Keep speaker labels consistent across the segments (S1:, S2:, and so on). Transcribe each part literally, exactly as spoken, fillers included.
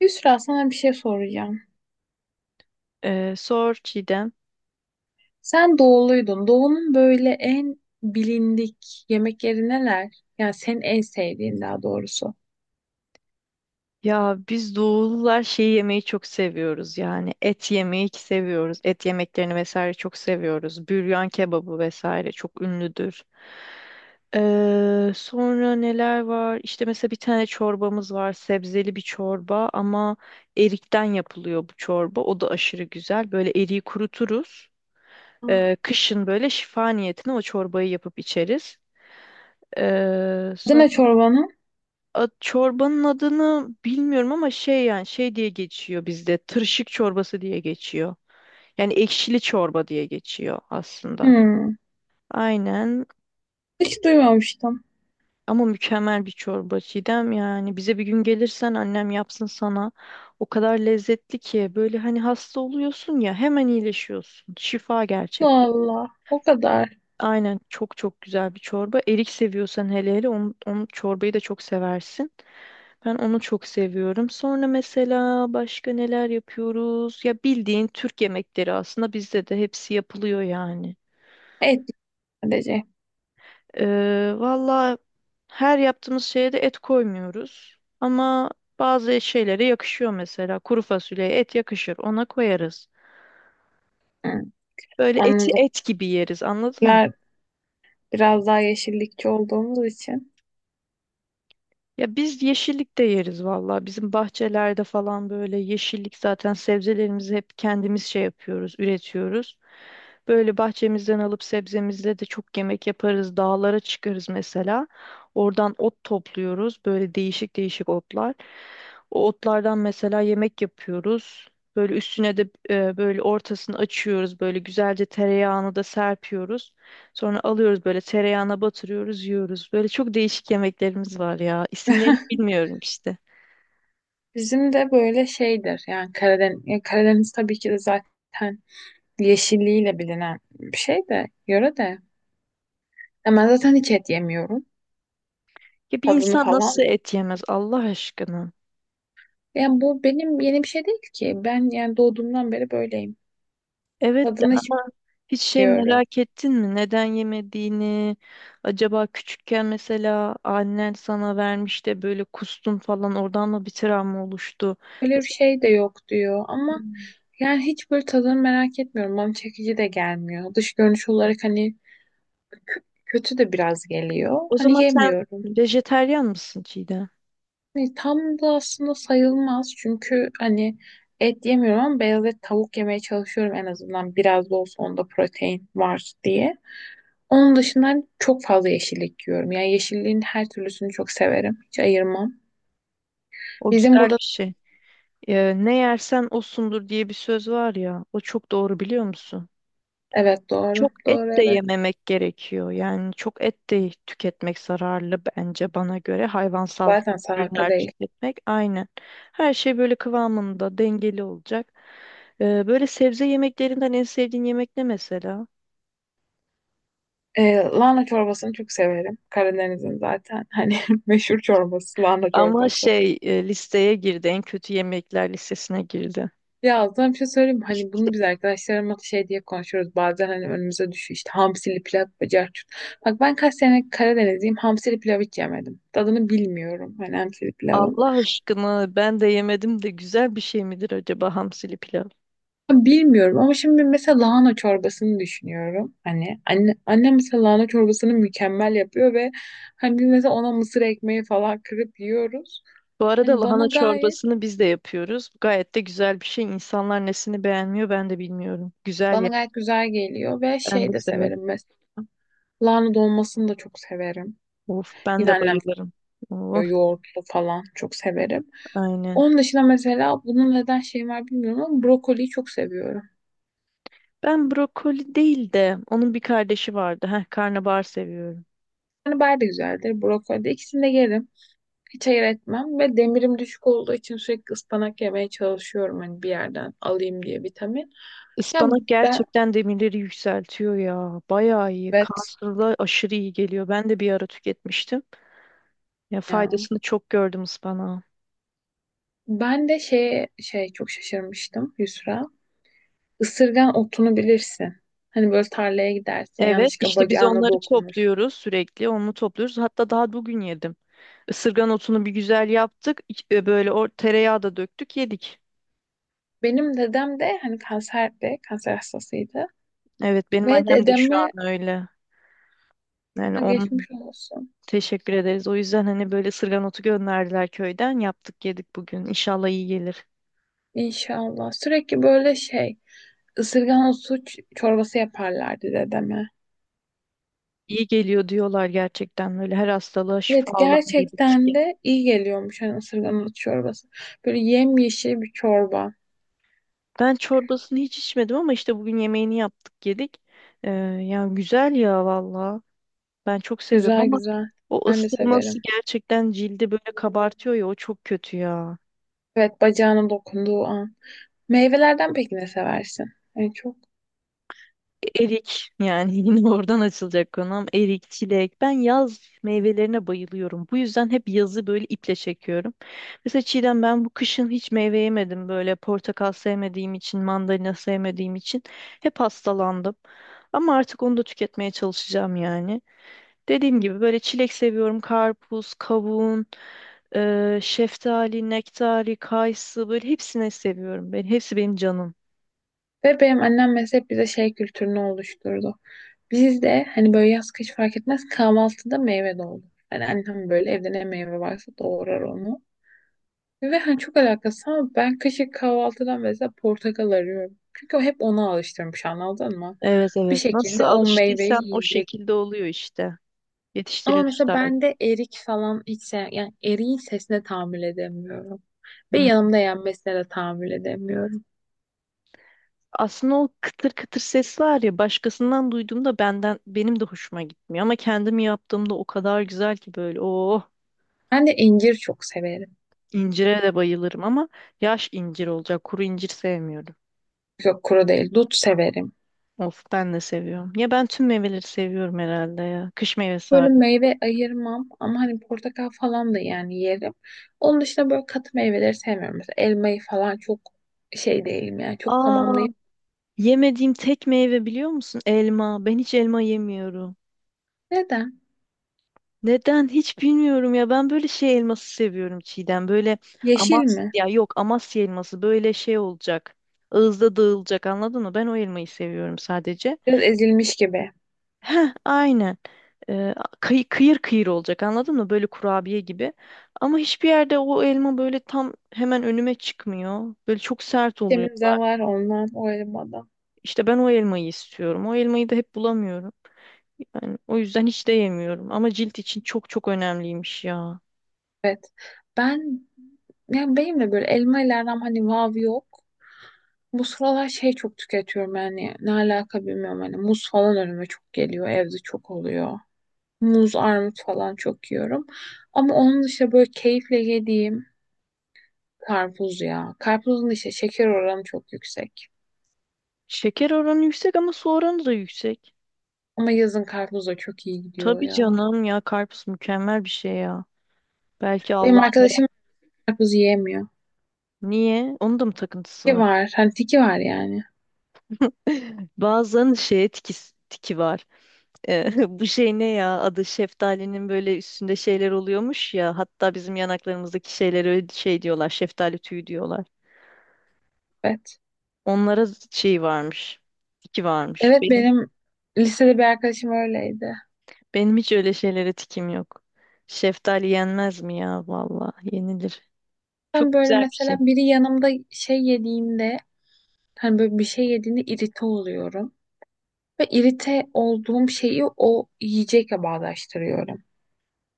S1: Yusra, sana bir şey soracağım.
S2: Ee, sor Çiğdem.
S1: Sen doğuluydun. Doğunun böyle en bilindik yemekleri neler? Yani senin en sevdiğin, daha doğrusu.
S2: Ya biz doğulular şeyi yemeyi çok seviyoruz yani et yemeyi ki seviyoruz. Et yemeklerini vesaire çok seviyoruz. Büryan kebabı vesaire çok ünlüdür. Ee, sonra neler var? İşte mesela bir tane çorbamız var. Sebzeli bir çorba ama erikten yapılıyor bu çorba. O da aşırı güzel. Böyle eriği kuruturuz.
S1: Aa.
S2: Ee, kışın böyle şifa niyetine o çorbayı yapıp içeriz. Ee,
S1: Deme çorbanı.
S2: A- Çorbanın adını bilmiyorum ama şey yani şey diye geçiyor bizde. Tırşık çorbası diye geçiyor. Yani ekşili çorba diye geçiyor aslında.
S1: Hmm.
S2: Aynen
S1: Hiç duymamıştım.
S2: ama mükemmel bir çorba Çiğdem, yani bize bir gün gelirsen annem yapsın sana. O kadar lezzetli ki böyle hani hasta oluyorsun ya hemen iyileşiyorsun. Şifa gerçek.
S1: Allah, o kadar.
S2: Aynen çok çok güzel bir çorba. Erik seviyorsan hele hele onu, onu çorbayı da çok seversin. Ben onu çok seviyorum. Sonra mesela başka neler yapıyoruz? Ya bildiğin Türk yemekleri aslında bizde de hepsi yapılıyor yani.
S1: Et sadece.
S2: Ee, valla, her yaptığımız şeye de et koymuyoruz. Ama bazı şeylere yakışıyor mesela. Kuru fasulyeye et yakışır, ona koyarız.
S1: Hmm.
S2: Böyle eti
S1: Anladım.
S2: et gibi yeriz, anladın mı?
S1: Bizler, biraz daha yeşillikçi olduğumuz için.
S2: Ya biz yeşillik de yeriz valla. Bizim bahçelerde falan böyle yeşillik, zaten sebzelerimizi hep kendimiz şey yapıyoruz, üretiyoruz. Böyle bahçemizden alıp sebzemizle de çok yemek yaparız. Dağlara çıkarız mesela. Oradan ot topluyoruz. Böyle değişik değişik otlar. O otlardan mesela yemek yapıyoruz. Böyle üstüne de e, böyle ortasını açıyoruz. Böyle güzelce tereyağını da serpiyoruz. Sonra alıyoruz böyle tereyağına batırıyoruz, yiyoruz. Böyle çok değişik yemeklerimiz var ya. İsimlerini bilmiyorum işte.
S1: Bizim de böyle şeydir. Yani Karadeniz, yani Karadeniz tabii ki de zaten yeşilliğiyle bilinen bir şey de, yöre de. Ama zaten hiç et yemiyorum.
S2: Ya bir
S1: Tadını
S2: insan nasıl
S1: falan.
S2: et yemez Allah aşkına?
S1: Yani bu benim yeni bir şey değil ki. Ben yani doğduğumdan beri böyleyim.
S2: Evet de
S1: Tadını hiç
S2: ama hiç şey
S1: bilmiyorum.
S2: merak ettin mi? Neden yemediğini? Acaba küçükken mesela annen sana vermiş de böyle kustun falan, oradan mı bir travma oluştu?
S1: Öyle bir
S2: Mesela,
S1: şey de yok diyor ama yani hiç böyle tadını merak etmiyorum. Bana çekici de gelmiyor. Dış görünüş olarak hani kö- kötü de biraz geliyor.
S2: o
S1: Hani
S2: zaman sen
S1: yemiyorum.
S2: vejeteryan mısın Çiğdem?
S1: Hani tam da aslında sayılmaz çünkü hani et yemiyorum ama beyaz et, tavuk yemeye çalışıyorum, en azından biraz da olsa onda protein var diye. Onun dışında çok fazla yeşillik yiyorum. Yani yeşilliğin her türlüsünü çok severim. Hiç ayırmam.
S2: O
S1: Bizim
S2: güzel
S1: burada
S2: bir şey. Ee, ne yersen osundur diye bir söz var ya. O çok doğru, biliyor musun?
S1: evet doğru.
S2: Çok et
S1: Doğru,
S2: de
S1: evet.
S2: yememek gerekiyor. Yani çok et de tüketmek zararlı bence, bana göre. Hayvansal
S1: Zaten salata
S2: ürünler
S1: değil.
S2: tüketmek aynen. Her şey böyle kıvamında, dengeli olacak. Ee, böyle sebze yemeklerinden en sevdiğin yemek ne mesela?
S1: Ee, lahana çorbasını çok severim. Karadeniz'in zaten hani meşhur çorbası lahana
S2: Ama
S1: çorbası.
S2: şey e, listeye girdi. En kötü yemekler listesine girdi.
S1: Ya aslında bir şey söyleyeyim mi? Hani bunu biz arkadaşlarımla şey diye konuşuyoruz. Bazen hani önümüze düşüyor işte hamsili pilav bacak çut. Bak, ben kaç sene Karadenizliyim, hamsili pilav hiç yemedim. Tadını bilmiyorum hani hamsili pilavı.
S2: Allah aşkına ben de yemedim de güzel bir şey midir acaba hamsili pilav?
S1: Bilmiyorum ama şimdi mesela lahana çorbasını düşünüyorum. Hani anne, annem mesela lahana çorbasını mükemmel yapıyor ve hani biz mesela ona mısır ekmeği falan kırıp yiyoruz.
S2: Bu arada
S1: Hani bana
S2: lahana
S1: gayet
S2: çorbasını biz de yapıyoruz. Gayet de güzel bir şey. İnsanlar nesini beğenmiyor ben de bilmiyorum. Güzel
S1: bana
S2: yani.
S1: gayet güzel geliyor ve
S2: Ben
S1: şey
S2: de
S1: de
S2: severim.
S1: severim mesela. Lahana dolmasını da çok severim.
S2: Of ben
S1: Yine
S2: de
S1: annem
S2: bayılırım.
S1: yapıyor,
S2: Of
S1: yoğurtlu falan çok severim.
S2: aynen.
S1: Onun dışında mesela bunun neden şeyi var bilmiyorum ama brokoliyi çok seviyorum.
S2: Ben brokoli değil de onun bir kardeşi vardı. Heh, karnabahar seviyorum.
S1: Hani bayağı da güzeldir brokoli de, ikisini de yerim. Hiç hayır etmem ve demirim düşük olduğu için sürekli ıspanak yemeye çalışıyorum, hani bir yerden alayım diye vitamin. Ya
S2: Ispanak
S1: ben
S2: gerçekten demirleri yükseltiyor ya. Bayağı iyi.
S1: evet
S2: Kanserla aşırı iyi geliyor. Ben de bir ara tüketmiştim. Ya
S1: ya.
S2: faydasını çok gördüm ıspanağın.
S1: Ben de şey şey çok şaşırmıştım Yusra. Isırgan otunu bilirsin. Hani böyle tarlaya gidersin,
S2: Evet,
S1: yanlışlıkla
S2: işte biz
S1: bacağına
S2: onları
S1: dokunur.
S2: topluyoruz sürekli. Onu topluyoruz. Hatta daha bugün yedim. Isırgan otunu bir güzel yaptık. İç- e, Böyle o tereyağı da döktük, yedik.
S1: Benim dedem de hani kanserdi, kanser hastasıydı
S2: Evet, benim
S1: ve
S2: annem de şu an
S1: dedeme
S2: öyle. Yani onun
S1: geçmiş olsun
S2: teşekkür ederiz. O yüzden hani böyle ısırgan otu gönderdiler köyden. Yaptık, yedik bugün. İnşallah iyi gelir.
S1: inşallah. Sürekli böyle şey ısırgan otu ç- çorbası yaparlardı dedeme.
S2: İyi geliyor diyorlar, gerçekten böyle her hastalığa şifa
S1: Evet,
S2: olan bir
S1: gerçekten
S2: bitki.
S1: de iyi geliyormuş hani ısırgan ot çorbası. Böyle yemyeşil bir çorba.
S2: Ben çorbasını hiç içmedim ama işte bugün yemeğini yaptık, yedik. Ee, yani güzel ya valla. Ben çok seviyorum
S1: Güzel
S2: ama
S1: güzel.
S2: o
S1: Ben de severim.
S2: ısırması gerçekten cildi böyle kabartıyor ya, o çok kötü ya.
S1: Evet, bacağına dokunduğu an. Meyvelerden peki ne seversin? En çok.
S2: Erik yani yine oradan açılacak konum. Erik, çilek. Ben yaz meyvelerine bayılıyorum. Bu yüzden hep yazı böyle iple çekiyorum. Mesela Çiğdem ben bu kışın hiç meyve yemedim. Böyle portakal sevmediğim için, mandalina sevmediğim için hep hastalandım. Ama artık onu da tüketmeye çalışacağım yani. Dediğim gibi böyle çilek seviyorum. Karpuz, kavun, eee, şeftali, nektari, kayısı böyle hepsini seviyorum. Ben, hepsi benim canım.
S1: Ve benim annem mesela hep bize şey kültürünü oluşturdu. Biz de hani böyle yaz kış fark etmez, kahvaltıda meyve de olur. Yani annem böyle evde ne meyve varsa doğrar onu. Ve hani çok alakasız ama ben kışın kahvaltıdan mesela portakal arıyorum. Çünkü o hep ona alıştırmış, anladın mı?
S2: Evet
S1: Bir
S2: evet. Nasıl
S1: şekilde o meyveyi
S2: alıştıysan o
S1: yiyecek.
S2: şekilde oluyor işte.
S1: Ama
S2: Yetiştiriliş
S1: mesela
S2: tarzı.
S1: ben de erik falan hiç sev, yani eriğin sesine tahammül edemiyorum. Ve
S2: Hı.
S1: yanımda yenmesine de tahammül edemiyorum.
S2: Aslında o kıtır kıtır ses var ya, başkasından duyduğumda benden benim de hoşuma gitmiyor ama kendim yaptığımda o kadar güzel ki böyle oh.
S1: Ben de incir çok severim.
S2: incire de bayılırım ama yaş incir olacak, kuru incir sevmiyorum.
S1: Yok kuru değil, dut severim.
S2: Of ben de seviyorum. Ya ben tüm meyveleri seviyorum herhalde ya. Kış meyvesi
S1: Böyle
S2: hariç.
S1: meyve ayırmam ama hani portakal falan da yani yerim. Onun dışında böyle katı meyveleri sevmiyorum. Mesela elmayı falan çok şey değilim yani çok
S2: Aa,
S1: tamamlayıp.
S2: yemediğim tek meyve biliyor musun? Elma. Ben hiç elma yemiyorum.
S1: Neden?
S2: Neden hiç bilmiyorum ya, ben böyle şey elması seviyorum Çiğdem, böyle
S1: Yeşil
S2: Amasya
S1: mi?
S2: ya, yok Amasya elması böyle şey olacak, ağızda dağılacak, anladın mı? Ben o elmayı seviyorum sadece.
S1: Biraz ezilmiş gibi.
S2: Heh, aynen. Ee, kıy- kıyır kıyır olacak anladın mı, böyle kurabiye gibi, ama hiçbir yerde o elma böyle tam hemen önüme çıkmıyor, böyle çok sert oluyor.
S1: Temizden var ondan o elmadan.
S2: İşte ben o elmayı istiyorum, o elmayı da hep bulamıyorum. Yani o yüzden hiç de yemiyorum ama cilt için çok çok önemliymiş ya.
S1: Evet. Ben yani benim de böyle elma ile aram hani vav yok. Bu sıralar şey çok tüketiyorum, yani ne alaka bilmiyorum, hani muz falan önüme çok geliyor, evde çok oluyor. Muz, armut falan çok yiyorum. Ama onun dışında böyle keyifle yediğim karpuz ya. Karpuzun işte şeker oranı çok yüksek.
S2: Şeker oranı yüksek ama su oranı da yüksek.
S1: Ama yazın karpuz da çok iyi gidiyor
S2: Tabii
S1: ya.
S2: canım ya, karpuz mükemmel bir şey ya. Belki
S1: Benim
S2: Allah.
S1: arkadaşım karpuz yiyemiyor.
S2: Niye? Onun da mı takıntısı
S1: Tiki
S2: var?
S1: var. Hani tiki var yani.
S2: Bazen şeye tiki, tiki var. Eh, bu şey ne ya? Adı, şeftalinin böyle üstünde şeyler oluyormuş ya. Hatta bizim yanaklarımızdaki şeylere öyle şey diyorlar. Şeftali tüyü diyorlar.
S1: Evet.
S2: Onlara şey varmış. Tiki varmış.
S1: Evet,
S2: Benim
S1: benim lisede bir arkadaşım öyleydi.
S2: benim hiç öyle şeylere tikim yok. Şeftali yenmez mi ya? Vallahi yenilir.
S1: Ben
S2: Çok
S1: böyle
S2: güzel bir şey.
S1: mesela biri yanımda şey yediğinde, hani böyle bir şey yediğinde irite oluyorum. Ve irite olduğum şeyi o yiyecekle bağdaştırıyorum.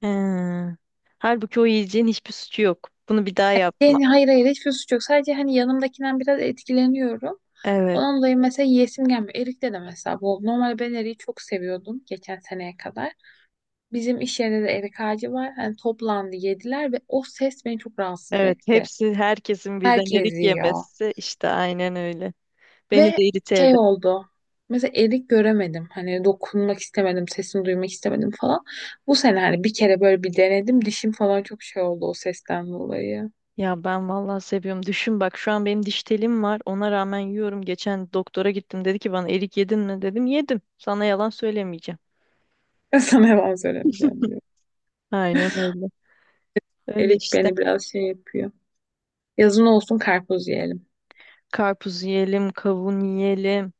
S2: He. Halbuki o yiyeceğin hiçbir suçu yok. Bunu bir daha yapma.
S1: Yani hayır hayır, hiçbir suç yok. Sadece hani yanımdakinden biraz etkileniyorum.
S2: Evet.
S1: Ondan dolayı mesela yiyesim gelmiyor. Erik de de mesela bu oldu. Normalde ben eriği çok seviyordum geçen seneye kadar. Bizim iş yerinde de erik ağacı var. Hani toplandı yediler ve o ses beni çok rahatsız
S2: Evet.
S1: etti.
S2: Hepsi, herkesin birden
S1: Herkes
S2: erik
S1: yiyor.
S2: yemesi, işte aynen öyle. Beni
S1: Ve
S2: de irite
S1: şey
S2: eder.
S1: oldu. Mesela erik göremedim. Hani dokunmak istemedim, sesini duymak istemedim falan. Bu sene hani bir kere böyle bir denedim. Dişim falan çok şey oldu o sesten dolayı.
S2: Ya ben vallahi seviyorum. Düşün bak, şu an benim diş telim var. Ona rağmen yiyorum. Geçen doktora gittim. Dedi ki bana, erik yedin mi? Dedim yedim. Sana yalan söylemeyeceğim.
S1: Sana yalan söylemeyeceğim diyor.
S2: Aynen öyle. Öyle
S1: Erik
S2: işte.
S1: beni biraz şey yapıyor. Yazın olsun karpuz yiyelim.
S2: Karpuz yiyelim, kavun yiyelim.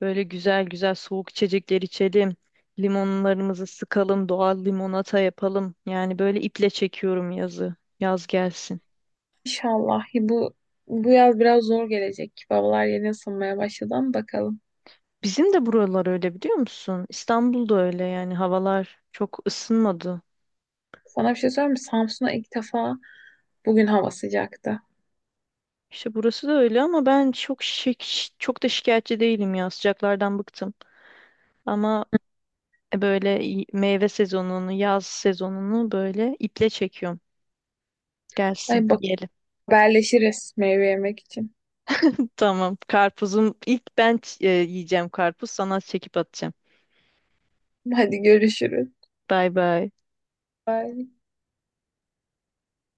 S2: Böyle güzel güzel soğuk içecekler içelim. Limonlarımızı sıkalım, doğal limonata yapalım. Yani böyle iple çekiyorum yazı. Yaz gelsin.
S1: İnşallah bu bu yaz biraz zor gelecek. Babalar yeni ısınmaya başladı ama bakalım.
S2: Bizim de buralar öyle, biliyor musun? İstanbul'da öyle yani, havalar çok ısınmadı.
S1: Sana bir şey söyleyeyim mi? Samsun'a ilk defa bugün hava sıcaktı.
S2: İşte burası da öyle ama ben çok şik- çok da şikayetçi değilim ya. Sıcaklardan bıktım. Ama böyle meyve sezonunu, yaz sezonunu böyle iple çekiyorum. Gelsin,
S1: Ay bak,
S2: yiyelim.
S1: haberleşiriz meyve yemek için.
S2: Tamam. Karpuzum, ilk ben ç- e, yiyeceğim karpuz. Sana çekip atacağım.
S1: Hadi görüşürüz.
S2: Bay bay.
S1: Bye.